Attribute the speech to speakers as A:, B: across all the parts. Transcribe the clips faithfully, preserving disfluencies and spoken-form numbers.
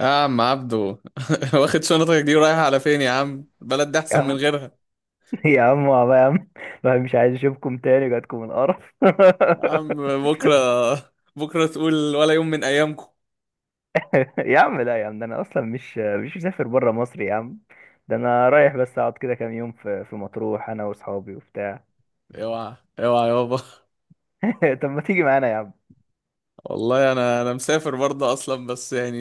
A: يا عم عبدو واخد شنطتك دي ورايح على فين يا عم؟ البلد دي
B: يا
A: احسن من
B: عم،
A: غيرها.
B: يا عم والله يا عم، ما مش عايز اشوفكم تاني، جاتكم القرف.
A: يا عم، بكره بكره تقول ولا يوم من ايامكم.
B: يا عم، لا يا عم، ده انا اصلا مش مش مسافر بره مصر يا عم. ده انا رايح بس اقعد كده كام يوم في في مطروح انا واصحابي وبتاع.
A: اوعى اوعى يابا.
B: طب ما تيجي معانا يا عم؟
A: والله انا انا مسافر برضه اصلا، بس يعني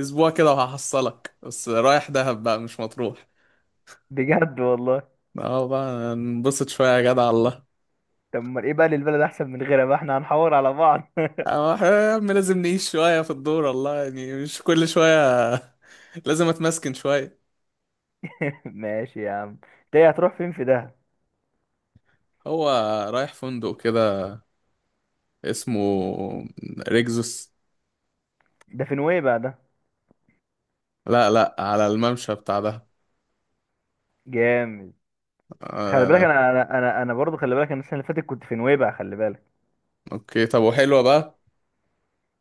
A: اسبوع كده وهحصلك، بس رايح دهب بقى مش مطروح.
B: بجد والله؟
A: اه بقى ننبسط شويه يا جدع. الله.
B: طب ما ايه بقى، للبلد احسن من غيرها بقى، احنا هنحور على بعض.
A: اه إحنا يا عم لازم نعيش شويه في الدور، والله يعني مش كل شويه لازم اتمسكن شويه.
B: ماشي يا عم. انت إيه، هتروح فين في ده؟
A: هو رايح فندق كده اسمه ريكزوس.
B: ده في نويبع ده؟
A: لا لا، على الممشى بتاع ده.
B: جامد. خلي بالك،
A: آه.
B: انا انا انا, أنا برضه، خلي بالك، انا السنه اللي فاتت كنت في نويبع، خلي بالك.
A: اوكي طب وحلوة بقى.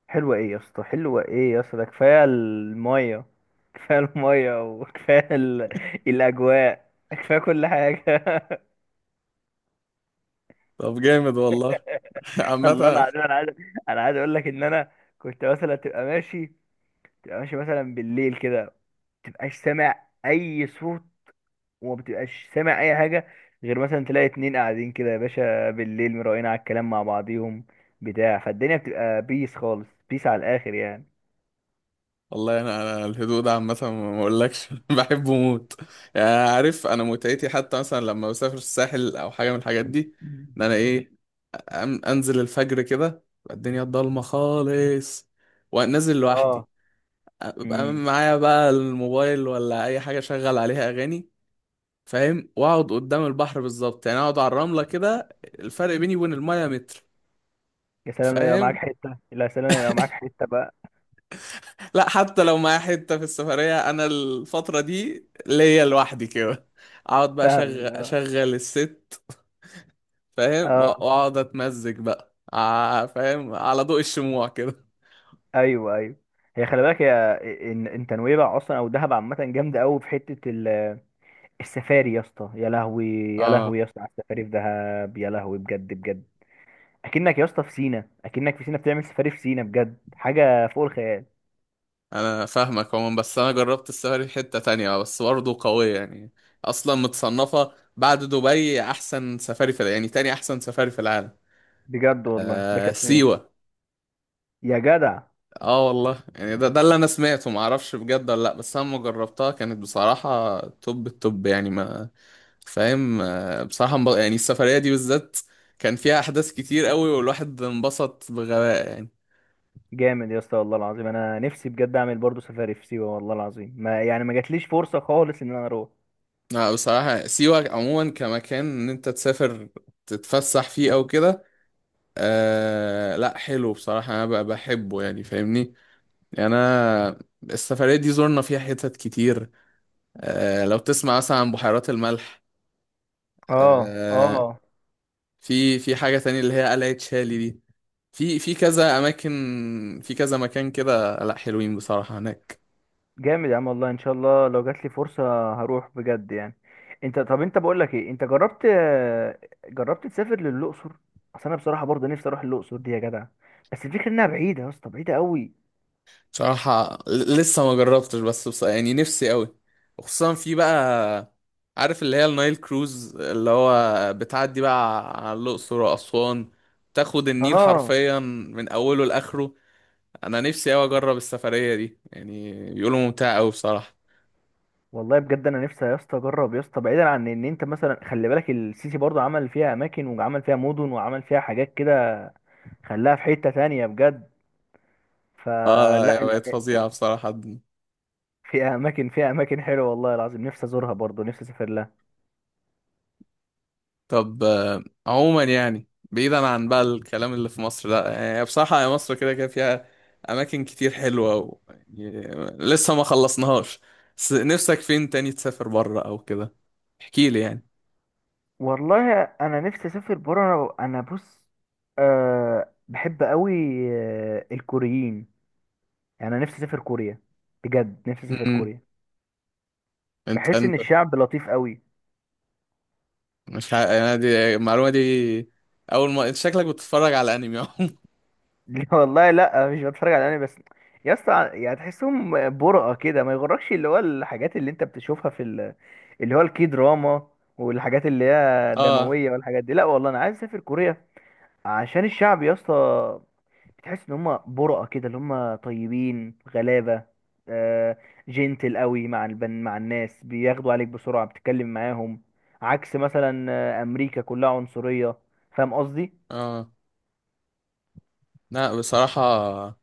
B: حلوة ايه يا اسطى، حلوة ايه يا اسطى، ده كفاية المية، كفاية المية. وكفاية ال... الأجواء، كفاية كل حاجة.
A: طب جامد والله
B: الله
A: عامة،
B: العظيم، أنا عايز أنا عايز أقول لك إن أنا كنت مثلا تبقى ماشي تبقى ماشي مثلا بالليل كده، متبقاش سامع أي صوت، وما بتبقاش سامع أي حاجة، غير مثلا تلاقي اتنين قاعدين كده يا باشا بالليل مراقين على الكلام مع بعضيهم بتاع، فالدنيا بتبقى بيس خالص، بيس على الآخر يعني.
A: والله انا انا الهدوء ده عامة ما اقولكش بحبه موت. يعني عارف انا متعتي حتى مثلا لما بسافر الساحل او حاجة من الحاجات دي،
B: مم.
A: ان انا ايه، أم- انزل الفجر كده تبقى الدنيا ضلمة خالص وانزل لوحدي،
B: اه،
A: ببقى معايا بقى الموبايل ولا اي حاجة شغل عليها اغاني، فاهم، واقعد قدام البحر بالظبط، يعني اقعد على الرمله كده، الفرق بيني وبين المايه متر.
B: يا سلام لو يبقى معاك
A: فاهم.
B: حتة، لا يا سلام لو يبقى معاك حتة بقى.
A: لا حتى لو معايا حته في السفريه انا الفتره دي ليا لوحدي كده، اقعد بقى اشغل
B: فاهمك، اه.
A: اشغل الست. فاهم وأ-
B: اه،
A: واقعد اتمزج بقى ع- فاهم على ضوء الشموع كده.
B: ايوه، ايوه. هي خلي بالك يا، ان انت نويبع اصلا او دهب عامة جامدة قوي في حتة ال- السفاري يا اسطى، يا لهوي. يا
A: اه
B: لهوي يا اسطى على السفاري في دهب، يا لهوي، بجد بجد. اكنك يا اسطى في سينا، اكنك في سينا بتعمل سفاري في سينا، بجد حاجة فوق الخيال.
A: انا فاهمك عموما، بس انا جربت السفاري في حته تانية آه، بس برضه قويه يعني، اصلا متصنفه بعد دبي احسن سفاري في الع- يعني تاني احسن سفاري في العالم.
B: بجد والله، ده
A: آه
B: كانت فين؟
A: سيوه.
B: يا جدع.
A: اه والله يعني ده ده اللي انا سمعته ما اعرفش بجد ولا لا، بس انا لما جربتها كانت بصراحه توب التوب، يعني ما فاهم آه، بصراحه انب- يعني السفريه دي بالذات كان فيها احداث كتير قوي والواحد انبسط بغباء يعني.
B: جامد يا اسطى والله العظيم، انا نفسي بجد اعمل برضو سفاري في سيوة، والله العظيم ما يعني ما جاتليش فرصة خالص ان انا اروح.
A: لا بصراحه سيوه عموما كمكان ان انت تسافر تتفسح فيه او كده، آه لا حلو بصراحه انا ب- بحبه يعني، فاهمني؟ يعني انا السفريه دي زرنا فيها حتت كتير، آه لو تسمع مثلا عن بحيرات الملح
B: اه،
A: آه،
B: اه.
A: في في حاجة تانية اللي هي قلعة شالي دي، في في كذا أماكن في كذا مكان كده، لأ حلوين بصراحة هناك.
B: جامد يا عم، والله ان شاء الله لو جات لي فرصة هروح بجد يعني. انت، طب انت بقول لك ايه، انت جربت جربت تسافر للاقصر؟ اصل انا بصراحة برضه نفسي اروح الاقصر دي يا جدع، بس الفكرة انها بعيدة يا اسطى، بعيدة قوي.
A: بصراحة ل- لسه ما جربتش بس بص يعني نفسي أوي، وخصوصا في بقى، عارف اللي هي النايل كروز اللي هو بتعدي بقى على الأقصر وأسوان، تاخد النيل
B: اه
A: حرفيا من أوله لآخره. أنا نفسي أوي أجرب السفرية دي، يعني بيقولوا ممتعة أوي بصراحة.
B: والله بجد، انا نفسي يا اسطى اجرب يا اسطى، بعيدا عن ان انت مثلا، خلي بالك السيسي برضه عمل فيها اماكن وعمل فيها مدن وعمل فيها حاجات كده. خلاها في حتة تانية بجد.
A: اه يا
B: فلا ال-
A: بقت فظيعة بصراحة.
B: فيها اماكن فيها اماكن حلوة والله العظيم، نفسي ازورها برضه، نفسي اسافر لها.
A: طب آه، عموما يعني بعيدا عن بقى الكلام اللي في مصر، لا يعني بصراحة يا مصر كده كده فيها أماكن كتير حلوة و... يعني لسه ما خلصناهاش. بس نفسك فين تاني تسافر بره أو كده؟ احكي لي يعني.
B: والله انا نفسي اسافر بره، انا بص. أه، بحب قوي. آه، الكوريين. يعني انا نفسي اسافر كوريا، بجد نفسي اسافر
A: امم
B: كوريا.
A: انت
B: بحس ان
A: انت
B: الشعب لطيف قوي.
A: مش ح... أنا دي المعلومة دي أول ما أنت شكلك بتتفرج على أنمي أهو.
B: لا والله، لا مش بتفرج على انمي بس. يا اسطى، يعني تحسهم برقة كده، ما يغركش اللي هو الحاجات اللي انت بتشوفها في ال... اللي هو الكي دراما، والحاجات اللي هي
A: اه
B: دموية والحاجات دي، لا والله انا عايز اسافر كوريا عشان الشعب يا اسطى، بتحس ان هم برقة كده، اللي هم طيبين غلابة، آه. جنتل قوي مع البن، مع الناس بياخدوا عليك بسرعة بتتكلم معاهم، عكس مثلا آه، امريكا كلها عنصرية. فاهم قصدي؟
A: اه. لا بصراحة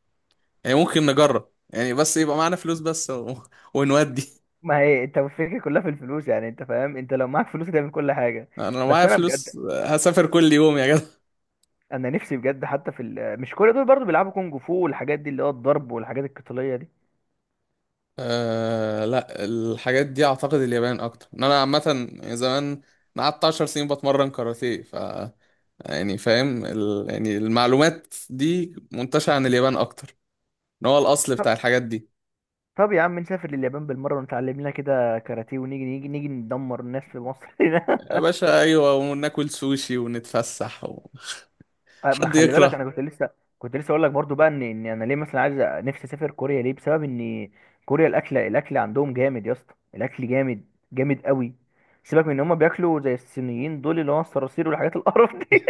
A: يعني ممكن نجرب يعني، بس يبقى معانا فلوس بس و... ونودي.
B: ما هي انت، الفكرة كلها في الفلوس يعني، انت فاهم، انت لو معاك فلوس تعمل كل حاجة.
A: أنا لو
B: بس
A: معايا
B: انا
A: فلوس
B: بجد،
A: هسافر كل يوم يا جدع.
B: انا نفسي بجد حتى في ال... مش كل دول برضو بيلعبوا كونج فو والحاجات دي، اللي هو الضرب والحاجات القتالية دي.
A: أه لا الحاجات دي اعتقد اليابان اكتر ان انا، عامه زمان انا قعدت 10 سنين بتمرن كاراتيه، ف يعني فاهم ال... يعني المعلومات دي منتشره عن اليابان اكتر ان هو الاصل بتاع الحاجات دي.
B: طب يا عم نسافر لليابان بالمرة ونتعلم لنا كده كاراتيه، ونيجي نيجي نيجي ندمر الناس في مصر هنا.
A: يا باشا ايوه وناكل سوشي ونتفسح و...
B: آه، ما
A: حد
B: خلي بالك
A: يكره.
B: انا كنت لسه كنت لسه اقول لك برضو بقى، ان ان انا ليه مثلا عايز أ- نفسي اسافر كوريا ليه، بسبب ان كوريا، الاكل الاكل عندهم جامد يا اسطى، الاكل جامد، جامد قوي. سيبك من ان هم بياكلوا زي الصينيين دول اللي هو الصراصير والحاجات القرف دي.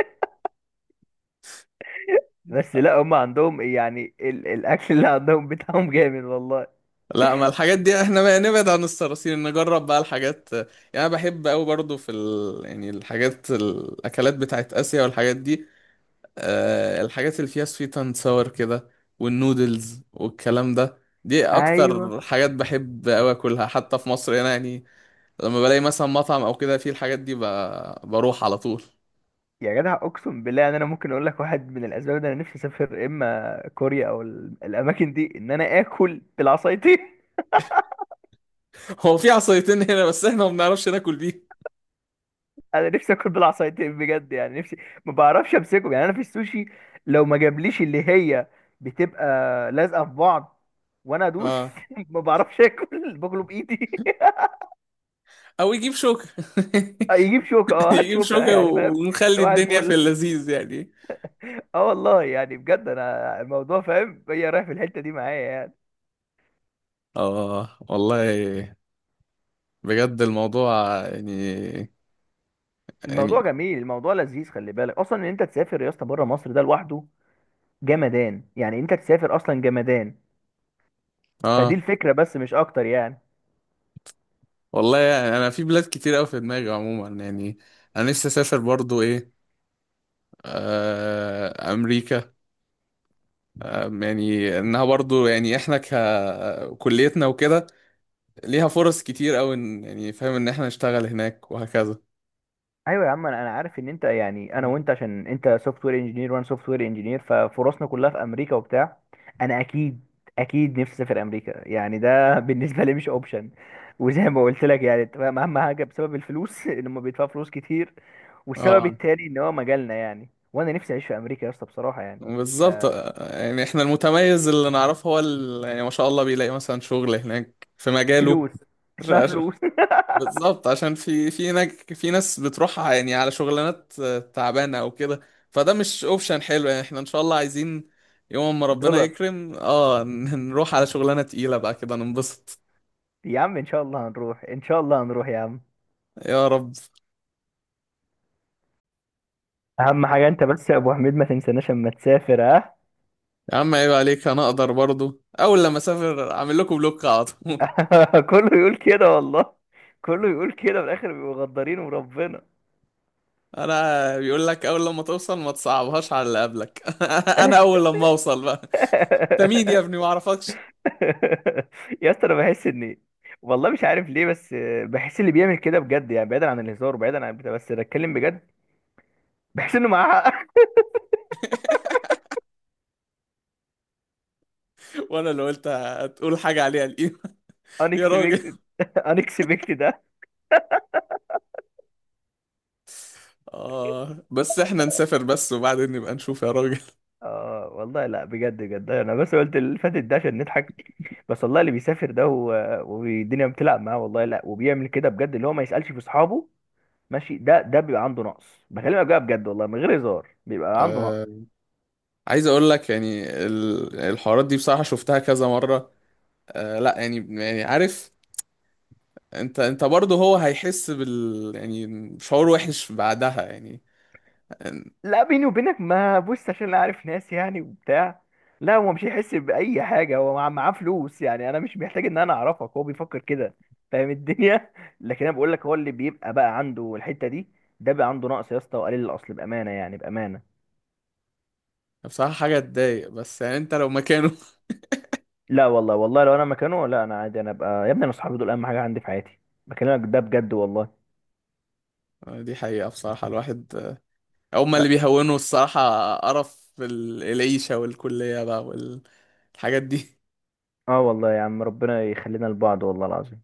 B: بس لا، هم عندهم يعني ال... الاكل اللي عندهم بتاعهم جامد والله.
A: لا ما الحاجات دي احنا بقى نبعد عن الصراصير نجرب بقى الحاجات يعني، انا بحب قوي برضو في ال... يعني الحاجات، الاكلات بتاعت اسيا والحاجات دي، آه، الحاجات اللي فيها سويت اند ساور كده والنودلز والكلام ده، دي
B: ايوه
A: اكتر حاجات بحب اوي اكلها حتى في مصر هنا يعني، لما بلاقي مثلا مطعم او كده فيه الحاجات دي ب... بروح على طول.
B: يا جدع، اقسم بالله ان انا ممكن اقول لك واحد من الاسباب، ده انا نفسي اسافر اما كوريا او ال- الاماكن دي، ان انا اكل بالعصايتين.
A: هو في عصايتين هنا بس احنا ما بنعرفش ناكل بيه.
B: انا نفسي اكل بالعصايتين بجد، يعني نفسي. ما بعرفش امسكهم يعني، انا في السوشي لو ما جابليش اللي هي بتبقى لازقه في بعض وانا ادوس.
A: اه
B: ما بعرفش اكل باكله بايدي.
A: او يجيب شوكة.
B: يجيب شوكه، اه هات
A: يجيب
B: شوكه
A: شوكة
B: يعني، فاهم؟
A: ونخلي
B: صباح
A: الدنيا في
B: الفل.
A: اللذيذ يعني.
B: اه والله يعني بجد، انا الموضوع فاهم هي رايح في الحته دي معايا يعني.
A: اه والله بجد الموضوع يعني، يعني
B: الموضوع جميل، الموضوع لذيذ، خلي بالك اصلا ان انت تسافر يا اسطى بره مصر ده لوحده، جمدان يعني، انت تسافر اصلا جمدان. فدي
A: اه
B: الفكره بس مش اكتر يعني.
A: والله يعني انا في بلاد كتير قوي في دماغي عموما يعني، انا لسه اسافر برضو ايه، آه امريكا، آه يعني انها برضو يعني احنا ككليتنا وكده ليها فرص كتير قوي، إن- يعني فاهم ان احنا نشتغل هناك وهكذا.
B: ايوه يا عم، انا أنا عارف ان انت، يعني انا وانت عشان انت سوفت وير انجينير وانا سوفت وير انجينير، ففرصنا كلها في امريكا وبتاع. انا اكيد، اكيد نفسي اسافر امريكا يعني، ده بالنسبه لي مش اوبشن. وزي ما قلت لك يعني، أنت فاهم، اهم حاجه بسبب الفلوس، ان هم بيدفعوا فلوس كتير، والسبب
A: اه
B: التاني ان هو مجالنا يعني، وانا نفسي اعيش في امريكا يا اسطى بصراحه يعني.
A: بالظبط آه، يعني احنا المتميز اللي نعرفه هو ال- يعني ما شاء الله بيلاقي مثلا شغل هناك في مجاله.
B: فلوس، اسمها فلوس.
A: بالظبط، عشان في في ناج... في ناس بتروح يعني على شغلانات آه، تعبانه او كده، فده مش اوبشن حلو، يعني احنا ان شاء الله عايزين يوم ما ربنا
B: دولار.
A: يكرم اه ن- نروح على شغلانه تقيله بقى كده ننبسط.
B: يا عم ان شاء الله هنروح، ان شاء الله هنروح يا عم.
A: يا رب.
B: اهم حاجه، انت بس يا ابو حميد ما تنساناش اما تسافر، ها؟
A: يا عم عيب عليك، انا اقدر برضو اول لما اسافر اعمل لكم بلوك على طول.
B: كله يقول كده والله، كله يقول كده، في الاخر بيبقوا غدارين وربنا.
A: انا بيقول لك اول لما توصل ما تصعبهاش على اللي قبلك. انا اول لما اوصل بقى، انت مين يا ابني ما اعرفكش؟
B: يا اسطى، انا بحس ان، والله مش عارف ليه، بس بحس اللي بيعمل كده بجد، يعني بعيدا عن الهزار وبعيدا عن بتاع، بس بتكلم بجد، بحس انه معاه حق.
A: وانا اللي قلت هتقول حاجه عليها القيمه. يا راجل.
B: unexpected. unexpected.
A: آه بس احنا نسافر بس وبعدين نبقى نشوف يا راجل.
B: اه والله، لا بجد بجد، انا بس قلت اللي فاتت ده عشان نضحك، بس والله اللي بيسافر ده و- والدنيا بتلعب معاه والله، لا وبيعمل كده بجد اللي هو ما يسألش في اصحابه، ماشي، ده ده بيبقى عنده نقص، بكلمك بقى بجد والله من غير هزار، بيبقى عنده نقص.
A: آه عايز اقول لك يعني ال- الحوارات دي بصراحة شفتها كذا مرة، آه لا يعني، يعني عارف انت انت برضه هو هيحس بال يعني شعور وحش بعدها يعني، آه،
B: لا بيني وبينك، ما بص عشان انا عارف ناس يعني وبتاع، لا هو مش هيحس بأي حاجة، هو مع- معاه فلوس يعني، انا مش محتاج ان انا اعرفك هو بيفكر كده، فاهم الدنيا. لكن انا بقول لك، هو اللي بيبقى بقى عنده الحتة دي، ده بقى عنده نقص يا اسطى، وقليل الاصل بأمانة يعني، بأمانة.
A: بصراحة حاجة تضايق، بس يعني انت لو مكانه.
B: لا والله، والله لو انا مكانه، لا انا عادي، انا ابقى يا ابني، انا صحابي دول اهم حاجه عندي في حياتي، بكلمك ده بجد والله.
A: آه، دي حقيقة بصراحة، الواحد آه، هما اللي
B: ف-
A: بيهونوا، الصراحة قرف ال- العيشة والكلية بقى والحاجات دي.
B: اه والله يا عم، ربنا يخلينا لبعض والله العظيم.